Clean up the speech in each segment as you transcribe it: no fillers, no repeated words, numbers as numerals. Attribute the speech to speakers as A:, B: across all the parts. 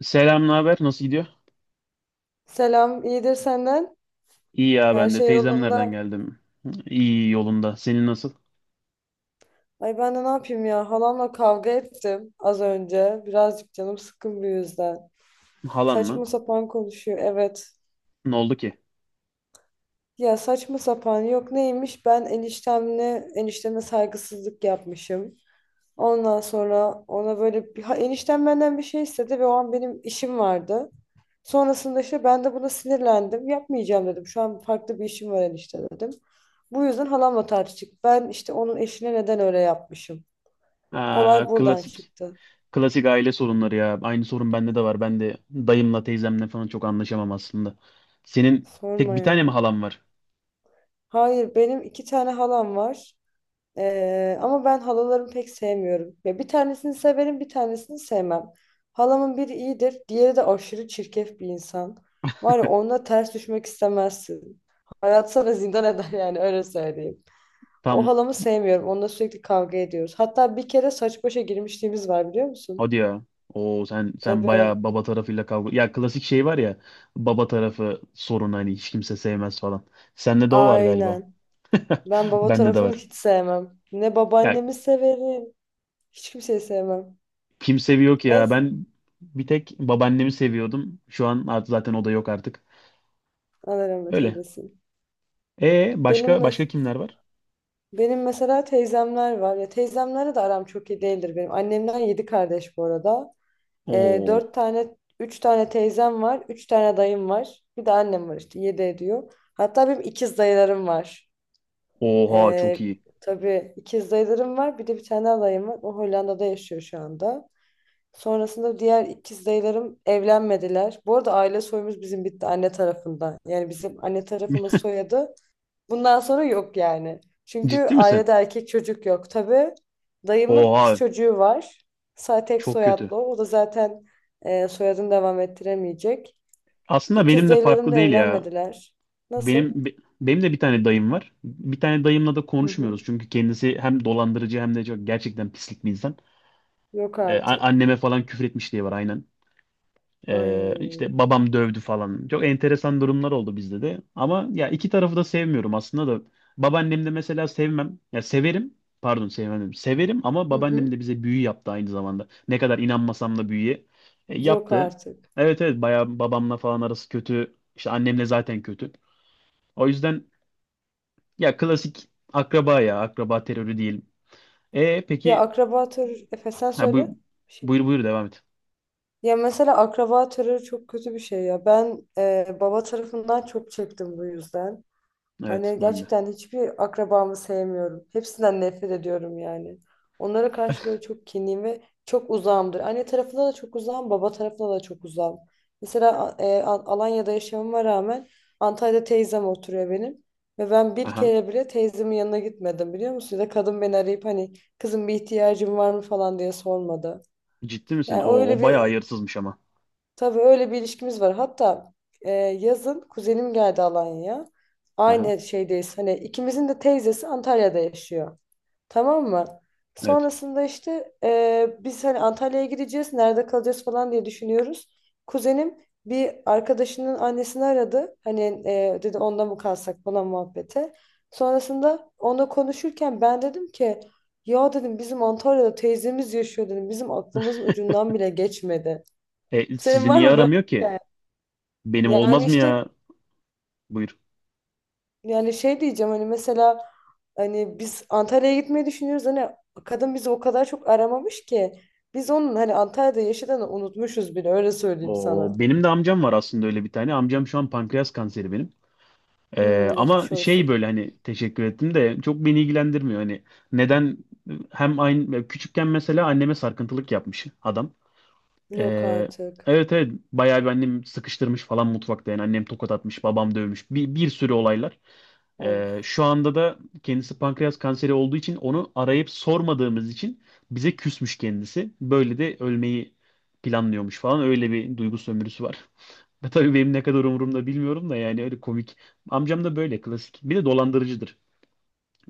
A: Selam, ne haber? Nasıl gidiyor?
B: Selam, iyidir senden.
A: İyi ya
B: Her
A: ben de.
B: şey
A: Teyzemlerden
B: yolunda.
A: geldim. İyi yolunda. Senin nasıl?
B: Ay, ben de ne yapayım ya? Halamla kavga ettim az önce. Birazcık canım sıkkın bu yüzden.
A: Halan
B: Saçma
A: mı?
B: sapan konuşuyor, evet.
A: Ne oldu ki?
B: Ya saçma sapan yok neymiş? Ben enişteme saygısızlık yapmışım. Ondan sonra ona böyle eniştem benden bir şey istedi ve o an benim işim vardı. Sonrasında işte ben de buna sinirlendim. Yapmayacağım dedim. Şu an farklı bir işim var enişte dedim. Bu yüzden halamla tartıştık. Ben işte onun eşine neden öyle yapmışım.
A: Aa,
B: Olay buradan
A: klasik.
B: çıktı.
A: Klasik aile sorunları ya. Aynı sorun bende de var. Ben de dayımla teyzemle falan çok anlaşamam aslında. Senin tek
B: Sorma
A: bir tane mi
B: ya.
A: halan var?
B: Hayır, benim iki tane halam var. Ama ben halalarımı pek sevmiyorum. Ya bir tanesini severim, bir tanesini sevmem. Halamın biri iyidir. Diğeri de aşırı çirkef bir insan. Var ya, onunla ters düşmek istemezsin. Hayat sana zindan eder yani, öyle söyleyeyim. O
A: Tam
B: halamı sevmiyorum. Onunla sürekli kavga ediyoruz. Hatta bir kere saç başa girmişliğimiz var, biliyor musun?
A: hadi ya. Oo sen
B: Tabii.
A: bayağı baba tarafıyla kavga. Ya klasik şey var ya. Baba tarafı sorun hani hiç kimse sevmez falan. Sende de o var galiba.
B: Aynen. Ben baba
A: Bende de
B: tarafını
A: var.
B: hiç sevmem. Ne
A: Ya
B: babaannemi severim. Hiç kimseyi sevmem.
A: kim seviyor ki ya?
B: En
A: Ben bir tek babaannemi seviyordum. Şu an artık zaten o da yok artık.
B: Allah rahmet
A: Öyle.
B: eylesin.
A: E
B: Benim
A: başka başka
B: mes
A: kimler var?
B: benim mesela teyzemler var. Ya teyzemlerle de aram çok iyi değildir benim. Annemden yedi kardeş bu arada.
A: Oo.
B: Üç tane teyzem var. Üç tane dayım var. Bir de annem var işte. Yedi ediyor. Hatta benim ikiz dayılarım var.
A: Oha çok
B: Ee,
A: iyi.
B: tabii ikiz dayılarım var. Bir de bir tane alayım var. O Hollanda'da yaşıyor şu anda. Sonrasında diğer ikiz dayılarım evlenmediler. Bu arada aile soyumuz bizim bitti anne tarafından. Yani bizim anne tarafımız soyadı. Bundan sonra yok yani. Çünkü
A: Ciddi misin?
B: ailede erkek çocuk yok. Tabii dayımın kız
A: Oha
B: çocuğu var. Tek
A: çok kötü.
B: soyadlı o. O da zaten soyadını devam ettiremeyecek.
A: Aslında
B: İkiz
A: benim de
B: dayılarım
A: farklı
B: da
A: değil ya.
B: evlenmediler. Nasıl?
A: Benim be- benim de bir tane dayım var. Bir tane dayımla da
B: Hı hı.
A: konuşmuyoruz çünkü kendisi hem dolandırıcı hem de çok gerçekten pislik bir insan.
B: Yok artık.
A: Anneme falan küfür etmiş diye var aynen.
B: Ay.
A: İşte babam dövdü falan. Çok enteresan durumlar oldu bizde de. Ama ya iki tarafı da sevmiyorum aslında da. Babaannem de mesela sevmem. Ya severim. Pardon sevmem dedim. Severim ama
B: Hı
A: babaannem
B: hı.
A: de bize büyü yaptı aynı zamanda. Ne kadar inanmasam da büyüye
B: Yok
A: yaptı.
B: artık.
A: Evet evet bayağı babamla falan arası kötü. İşte annemle zaten kötü. O yüzden ya klasik akraba ya. Akraba terörü değil. E peki
B: Efe sen
A: ha, bu,
B: söyle. Bir şey.
A: buyur buyur devam et.
B: Ya mesela akraba terörü çok kötü bir şey ya. Ben baba tarafından çok çektim bu yüzden.
A: Evet
B: Hani
A: ben de.
B: gerçekten hiçbir akrabamı sevmiyorum. Hepsinden nefret ediyorum yani. Onlara karşı böyle çok kinliyim ve çok uzağımdır. Anne tarafına da çok uzağım, baba tarafına da çok uzağım. Mesela Alanya'da yaşamama rağmen Antalya'da teyzem oturuyor benim. Ve ben bir
A: Aha.
B: kere bile teyzemin yanına gitmedim, biliyor musun? Ya da kadın beni arayıp hani kızım bir ihtiyacın var mı falan diye sormadı.
A: Ciddi misin?
B: Yani
A: O,
B: öyle
A: o bayağı
B: bir.
A: hayırsızmış ama.
B: Tabii öyle bir ilişkimiz var. Hatta yazın kuzenim geldi Alanya'ya.
A: Aha.
B: Aynı şeydeyiz. Hani ikimizin de teyzesi Antalya'da yaşıyor. Tamam mı?
A: Evet.
B: Sonrasında işte biz hani Antalya'ya gideceğiz, nerede kalacağız falan diye düşünüyoruz. Kuzenim bir arkadaşının annesini aradı. Hani dedi onda mı kalsak falan muhabbete. Sonrasında onunla konuşurken ben dedim ki ya dedim bizim Antalya'da teyzemiz yaşıyor dedim. Bizim aklımızın ucundan bile geçmedi. Senin
A: Sizi
B: var
A: niye
B: mı böyle
A: aramıyor
B: bir
A: ki?
B: hikaye?
A: Benim
B: Yani
A: olmaz mı
B: işte
A: ya? Buyur.
B: yani şey diyeceğim hani mesela hani biz Antalya'ya gitmeyi düşünüyoruz, hani kadın bizi o kadar çok aramamış ki biz onun hani Antalya'da yaşadığını unutmuşuz bile, öyle söyleyeyim
A: O
B: sana.
A: benim de amcam var aslında öyle bir tane. Amcam şu an pankreas kanseri benim.
B: Hmm,
A: Ama
B: geçmiş
A: şey
B: olsun.
A: böyle hani teşekkür ettim de çok beni ilgilendirmiyor. Hani neden hem aynı küçükken mesela anneme sarkıntılık yapmış adam.
B: Yok
A: E,
B: artık.
A: evet evet bayağı bir annem sıkıştırmış falan mutfakta yani annem tokat atmış babam dövmüş bir sürü olaylar.
B: Of.
A: Şu anda da kendisi pankreas kanseri olduğu için onu arayıp sormadığımız için bize küsmüş kendisi. Böyle de ölmeyi planlıyormuş falan. Öyle bir duygu sömürüsü var. Ve tabii benim ne kadar umurumda bilmiyorum da yani öyle komik. Amcam da böyle klasik. Bir de dolandırıcıdır.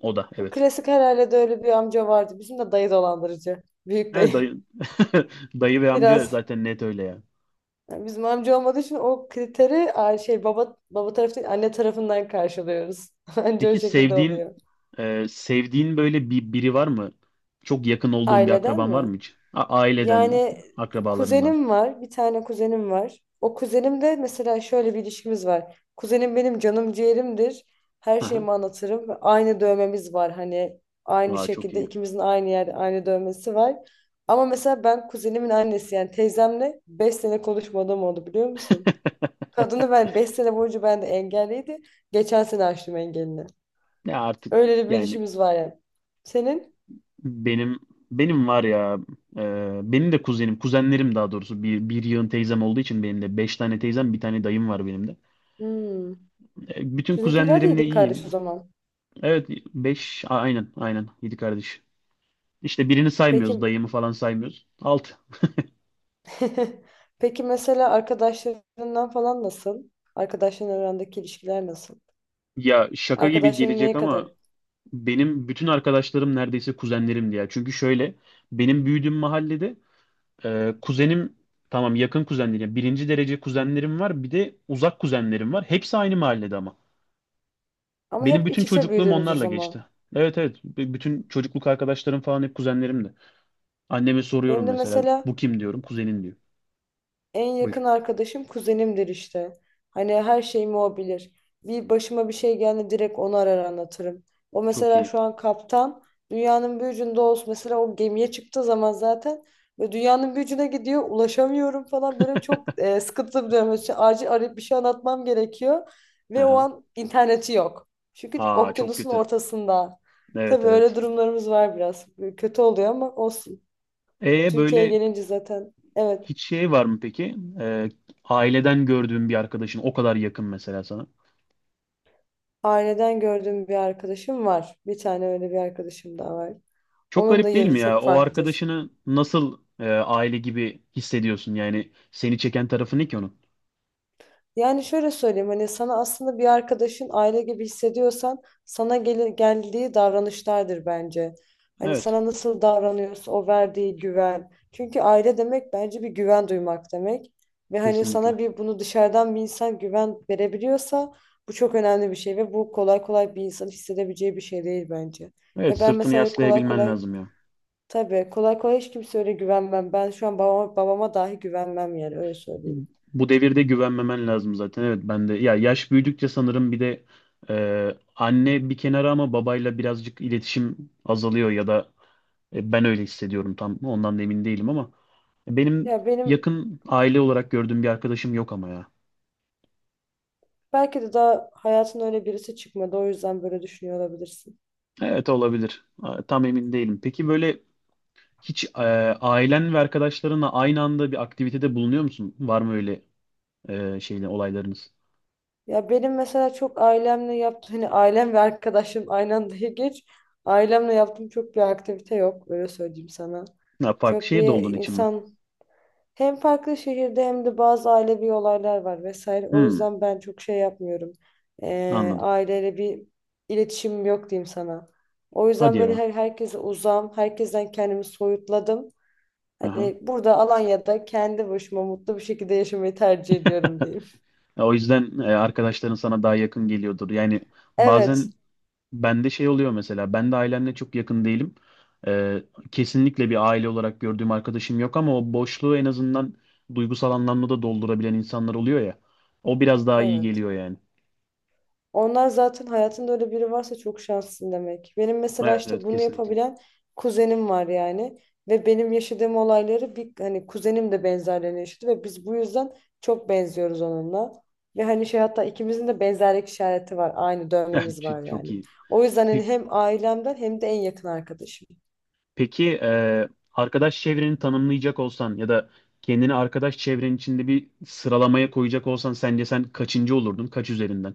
A: O da
B: O
A: evet.
B: klasik herhalde, de öyle bir amca vardı. Bizim de dayı dolandırıcı. Büyük dayı.
A: Evet dayı. Dayı ve amca
B: Biraz.
A: zaten net öyle ya.
B: Yani bizim amca olmadığı için o kriteri şey baba tarafı değil anne tarafından karşılıyoruz. Anca o
A: Peki
B: şekilde
A: sevdiğin
B: oluyor.
A: sevdiğin böyle bir biri var mı? Çok yakın olduğun bir
B: Aileden
A: akraban var
B: mi?
A: mı hiç? Aileden,
B: Yani
A: akrabalarından.
B: kuzenim var, bir tane kuzenim var. O kuzenim de mesela şöyle bir ilişkimiz var. Kuzenim benim canım ciğerimdir. Her
A: Aha.
B: şeyimi anlatırım. Aynı dövmemiz var, hani aynı
A: Aa, çok
B: şekilde
A: iyi.
B: ikimizin aynı yerde aynı dövmesi var. Ama mesela ben kuzenimin annesi yani teyzemle 5 sene konuşmadığım oldu, biliyor musun? Kadını ben 5 sene boyunca ben de engelliydi. Geçen sene açtım engelini.
A: Ya artık
B: Öyle bir
A: yani
B: ilişkimiz var yani. Senin?
A: benim benim var ya benim de kuzenlerim daha doğrusu bir yığın teyzem olduğu için benim de 5 tane teyzem bir tane dayım var benim de.
B: Hmm.
A: Bütün
B: Sizinkiler de
A: kuzenlerimle
B: iyiydi kardeş o
A: iyiyim.
B: zaman.
A: Evet 5 aynen aynen 7 kardeş. İşte birini saymıyoruz
B: Peki.
A: dayımı falan saymıyoruz. 6.
B: Peki, mesela arkadaşlarından falan nasıl? Arkadaşların arandaki ilişkiler nasıl?
A: Ya şaka gibi
B: Arkadaşların
A: gelecek
B: neye
A: ama
B: kadar?
A: benim bütün arkadaşlarım neredeyse kuzenlerim diye. Çünkü şöyle benim büyüdüğüm mahallede kuzenim tamam yakın kuzenlerim. Yani birinci derece kuzenlerim var. Bir de uzak kuzenlerim var. Hepsi aynı mahallede ama.
B: Ama
A: Benim
B: hep
A: bütün
B: iç içe
A: çocukluğum
B: büyüdünüz o
A: onlarla geçti.
B: zaman.
A: Evet evet. Bütün çocukluk arkadaşlarım falan hep kuzenlerimdi. Anneme soruyorum
B: Benim de
A: mesela.
B: mesela
A: Bu kim diyorum. Kuzenin diyor.
B: en
A: Buyur.
B: yakın arkadaşım kuzenimdir işte. Hani her şeyimi o bilir. Bir başıma bir şey geldi direkt onu arar anlatırım. O
A: Çok
B: mesela
A: iyi.
B: şu an kaptan. Dünyanın bir ucunda olsun. Mesela o gemiye çıktığı zaman zaten ve dünyanın bir ucuna gidiyor. Ulaşamıyorum falan, böyle çok sıkıntılı bir dönem. İşte acil arayıp bir şey anlatmam gerekiyor. Ve o
A: Aha.
B: an interneti yok. Çünkü
A: Aa çok
B: okyanusun
A: kötü.
B: ortasında.
A: Evet
B: Tabii öyle
A: evet.
B: durumlarımız var biraz. Kötü oluyor ama olsun. Türkiye'ye
A: Böyle
B: gelince zaten evet.
A: hiç şey var mı peki? Aileden gördüğün bir arkadaşın o kadar yakın mesela sana.
B: Aileden gördüğüm bir arkadaşım var. Bir tane öyle bir arkadaşım daha var.
A: Çok
B: Onun da
A: garip değil
B: yeri
A: mi ya?
B: çok
A: O
B: farklıdır.
A: arkadaşını nasıl aile gibi hissediyorsun? Yani seni çeken tarafı ne ki onun?
B: Yani şöyle söyleyeyim, hani sana aslında bir arkadaşın aile gibi hissediyorsan sana geldiği davranışlardır bence. Hani
A: Evet,
B: sana nasıl davranıyorsa o verdiği güven. Çünkü aile demek bence bir güven duymak demek. Ve hani
A: kesinlikle.
B: sana bunu dışarıdan bir insan güven verebiliyorsa bu çok önemli bir şey ve bu kolay kolay bir insan hissedebileceği bir şey değil bence.
A: Evet,
B: Ve ben
A: sırtını
B: mesela kolay
A: yaslayabilmen
B: kolay.
A: lazım ya.
B: Tabii kolay kolay hiç kimse öyle güvenmem. Ben şu an babama dahi güvenmem yani, öyle söyleyeyim.
A: Bu devirde güvenmemen lazım zaten. Evet, ben de ya yaş büyüdükçe sanırım bir de anne bir kenara ama babayla birazcık iletişim azalıyor ya da ben öyle hissediyorum tam ondan da emin değilim ama benim
B: Ya benim
A: yakın aile olarak gördüğüm bir arkadaşım yok ama ya.
B: belki de daha hayatın öyle birisi çıkmadı, o yüzden böyle düşünüyor olabilirsin.
A: Evet olabilir. Aa, tam emin değilim. Peki böyle hiç ailen ve arkadaşlarınla aynı anda bir aktivitede bulunuyor musun? Var mı öyle şeyle olaylarınız?
B: Ya benim mesela çok ailemle yaptığım hani ailem ve arkadaşım aynı anda geç ailemle yaptığım çok bir aktivite yok, öyle söyleyeyim sana.
A: Ya farklı
B: Çok
A: şehirde
B: bir
A: olduğun için mi?
B: insan. Hem farklı şehirde hem de bazı ailevi olaylar var vesaire. O
A: Hmm,
B: yüzden ben çok şey yapmıyorum.
A: anladım.
B: Aileyle bir iletişim yok diyeyim sana. O
A: Hadi
B: yüzden böyle
A: ya.
B: herkese uzağım. Herkesten kendimi soyutladım.
A: Aha.
B: Hani burada Alanya'da kendi başıma mutlu bir şekilde yaşamayı tercih ediyorum diyeyim.
A: Ya o yüzden arkadaşların sana daha yakın geliyordur. Yani
B: Evet,
A: bazen bende şey oluyor mesela. Ben de ailemle çok yakın değilim. E, Kesinlikle bir aile olarak gördüğüm arkadaşım yok ama o boşluğu en azından duygusal anlamda da doldurabilen insanlar oluyor ya. O biraz daha iyi
B: evet.
A: geliyor yani.
B: Onlar zaten hayatında öyle biri varsa çok şanslısın demek. Benim mesela
A: Evet
B: işte
A: evet
B: bunu
A: kesinlikle.
B: yapabilen kuzenim var yani. Ve benim yaşadığım olayları bir hani kuzenim de benzerlerini yaşadı ve biz bu yüzden çok benziyoruz onunla. Ve hani şey, hatta ikimizin de benzerlik işareti var. Aynı dövmemiz var
A: Çok çok
B: yani.
A: iyi.
B: O yüzden hani hem ailemden hem de en yakın arkadaşım.
A: Peki arkadaş çevreni tanımlayacak olsan ya da kendini arkadaş çevrenin içinde bir sıralamaya koyacak olsan sence sen kaçıncı olurdun? Kaç üzerinden?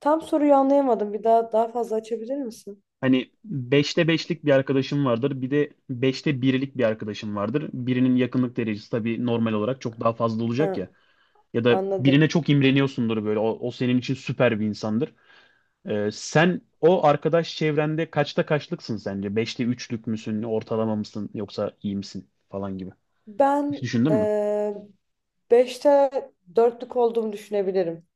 B: Tam soruyu anlayamadım. Bir daha daha fazla açabilir misin?
A: Hani beşte beşlik bir arkadaşım vardır. Bir de beşte birlik bir arkadaşım vardır. Birinin yakınlık derecesi tabii normal olarak çok daha fazla olacak
B: Ha,
A: ya. Ya da
B: anladım.
A: birine çok imreniyorsundur böyle. O, o senin için süper bir insandır. Sen o arkadaş çevrende kaçta kaçlıksın sence? Beşte üçlük müsün? Ortalama mısın? Yoksa iyi misin? Falan gibi. Hiç
B: Ben
A: düşündün mü?
B: beşte dörtlük olduğumu düşünebilirim.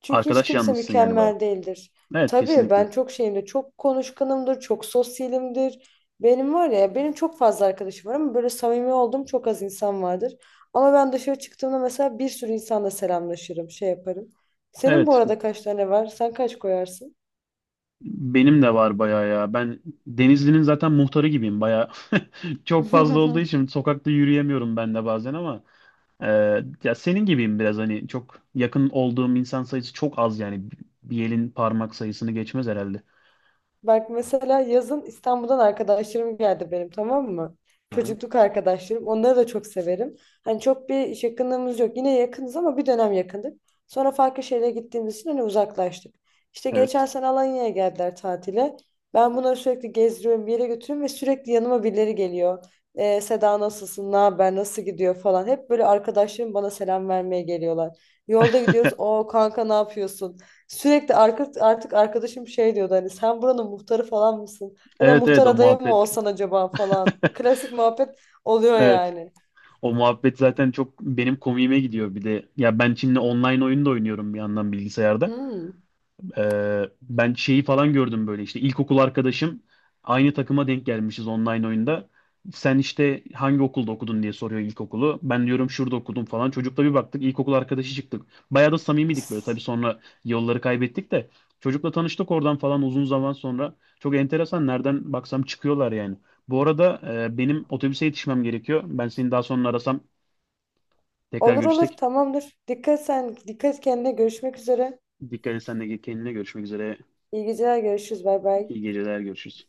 B: Çünkü hiç
A: Arkadaş
B: kimse
A: yalnızsın yani baya.
B: mükemmel değildir.
A: Evet
B: Tabii
A: kesinlikle.
B: ben çok şeyimdir, çok konuşkanımdır, çok sosyalimdir. Benim var ya, benim çok fazla arkadaşım var ama böyle samimi olduğum çok az insan vardır. Ama ben dışarı çıktığımda mesela bir sürü insanla selamlaşırım, şey yaparım. Senin bu
A: Evet
B: arada kaç tane var? Sen kaç koyarsın?
A: benim de var baya ya. Ben Denizli'nin zaten muhtarı gibiyim baya. Çok fazla olduğu için sokakta yürüyemiyorum ben de bazen ama e, ya senin gibiyim biraz hani çok yakın olduğum insan sayısı çok az yani. Bir elin parmak sayısını geçmez herhalde.
B: Bak mesela yazın İstanbul'dan arkadaşlarım geldi benim, tamam mı?
A: Aha,
B: Çocukluk arkadaşlarım. Onları da çok severim. Hani çok bir iş yakınlığımız yok. Yine yakınız ama bir dönem yakındık. Sonra farklı şehre gittiğimiz için hani uzaklaştık. İşte
A: evet.
B: geçen sene Alanya'ya geldiler tatile. Ben bunları sürekli gezdiriyorum, bir yere götürüyorum ve sürekli yanıma birileri geliyor. Seda nasılsın, ne haber, nasıl gidiyor falan. Hep böyle arkadaşlarım bana selam vermeye geliyorlar. Yolda gidiyoruz, o kanka ne yapıyorsun? Sürekli artık arkadaşım şey diyordu hani sen buranın muhtarı falan mısın? Ya da
A: Evet evet
B: muhtar
A: o
B: adayı mı
A: muhabbet.
B: olsan acaba falan. Bu klasik muhabbet oluyor
A: Evet.
B: yani.
A: O muhabbet zaten çok benim komiğime gidiyor bir de. Ya ben şimdi online oyun da oynuyorum bir yandan bilgisayarda.
B: Hmm.
A: Ben şeyi falan gördüm böyle işte ilkokul arkadaşım aynı takıma denk gelmişiz online oyunda. Sen işte hangi okulda okudun diye soruyor ilkokulu. Ben diyorum şurada okudum falan. Çocukla bir baktık ilkokul arkadaşı çıktık. Bayağı da samimiydik böyle. Tabii sonra yolları kaybettik de çocukla tanıştık oradan falan uzun zaman sonra. Çok enteresan nereden baksam çıkıyorlar yani. Bu arada benim otobüse yetişmem gerekiyor. Ben seni daha sonra arasam tekrar
B: Olur olur
A: görüşsek.
B: tamamdır. Dikkat sen, dikkat kendine, görüşmek üzere.
A: Dikkat et sen de kendine görüşmek üzere.
B: İyi geceler, görüşürüz, bay bay.
A: İyi geceler görüşürüz.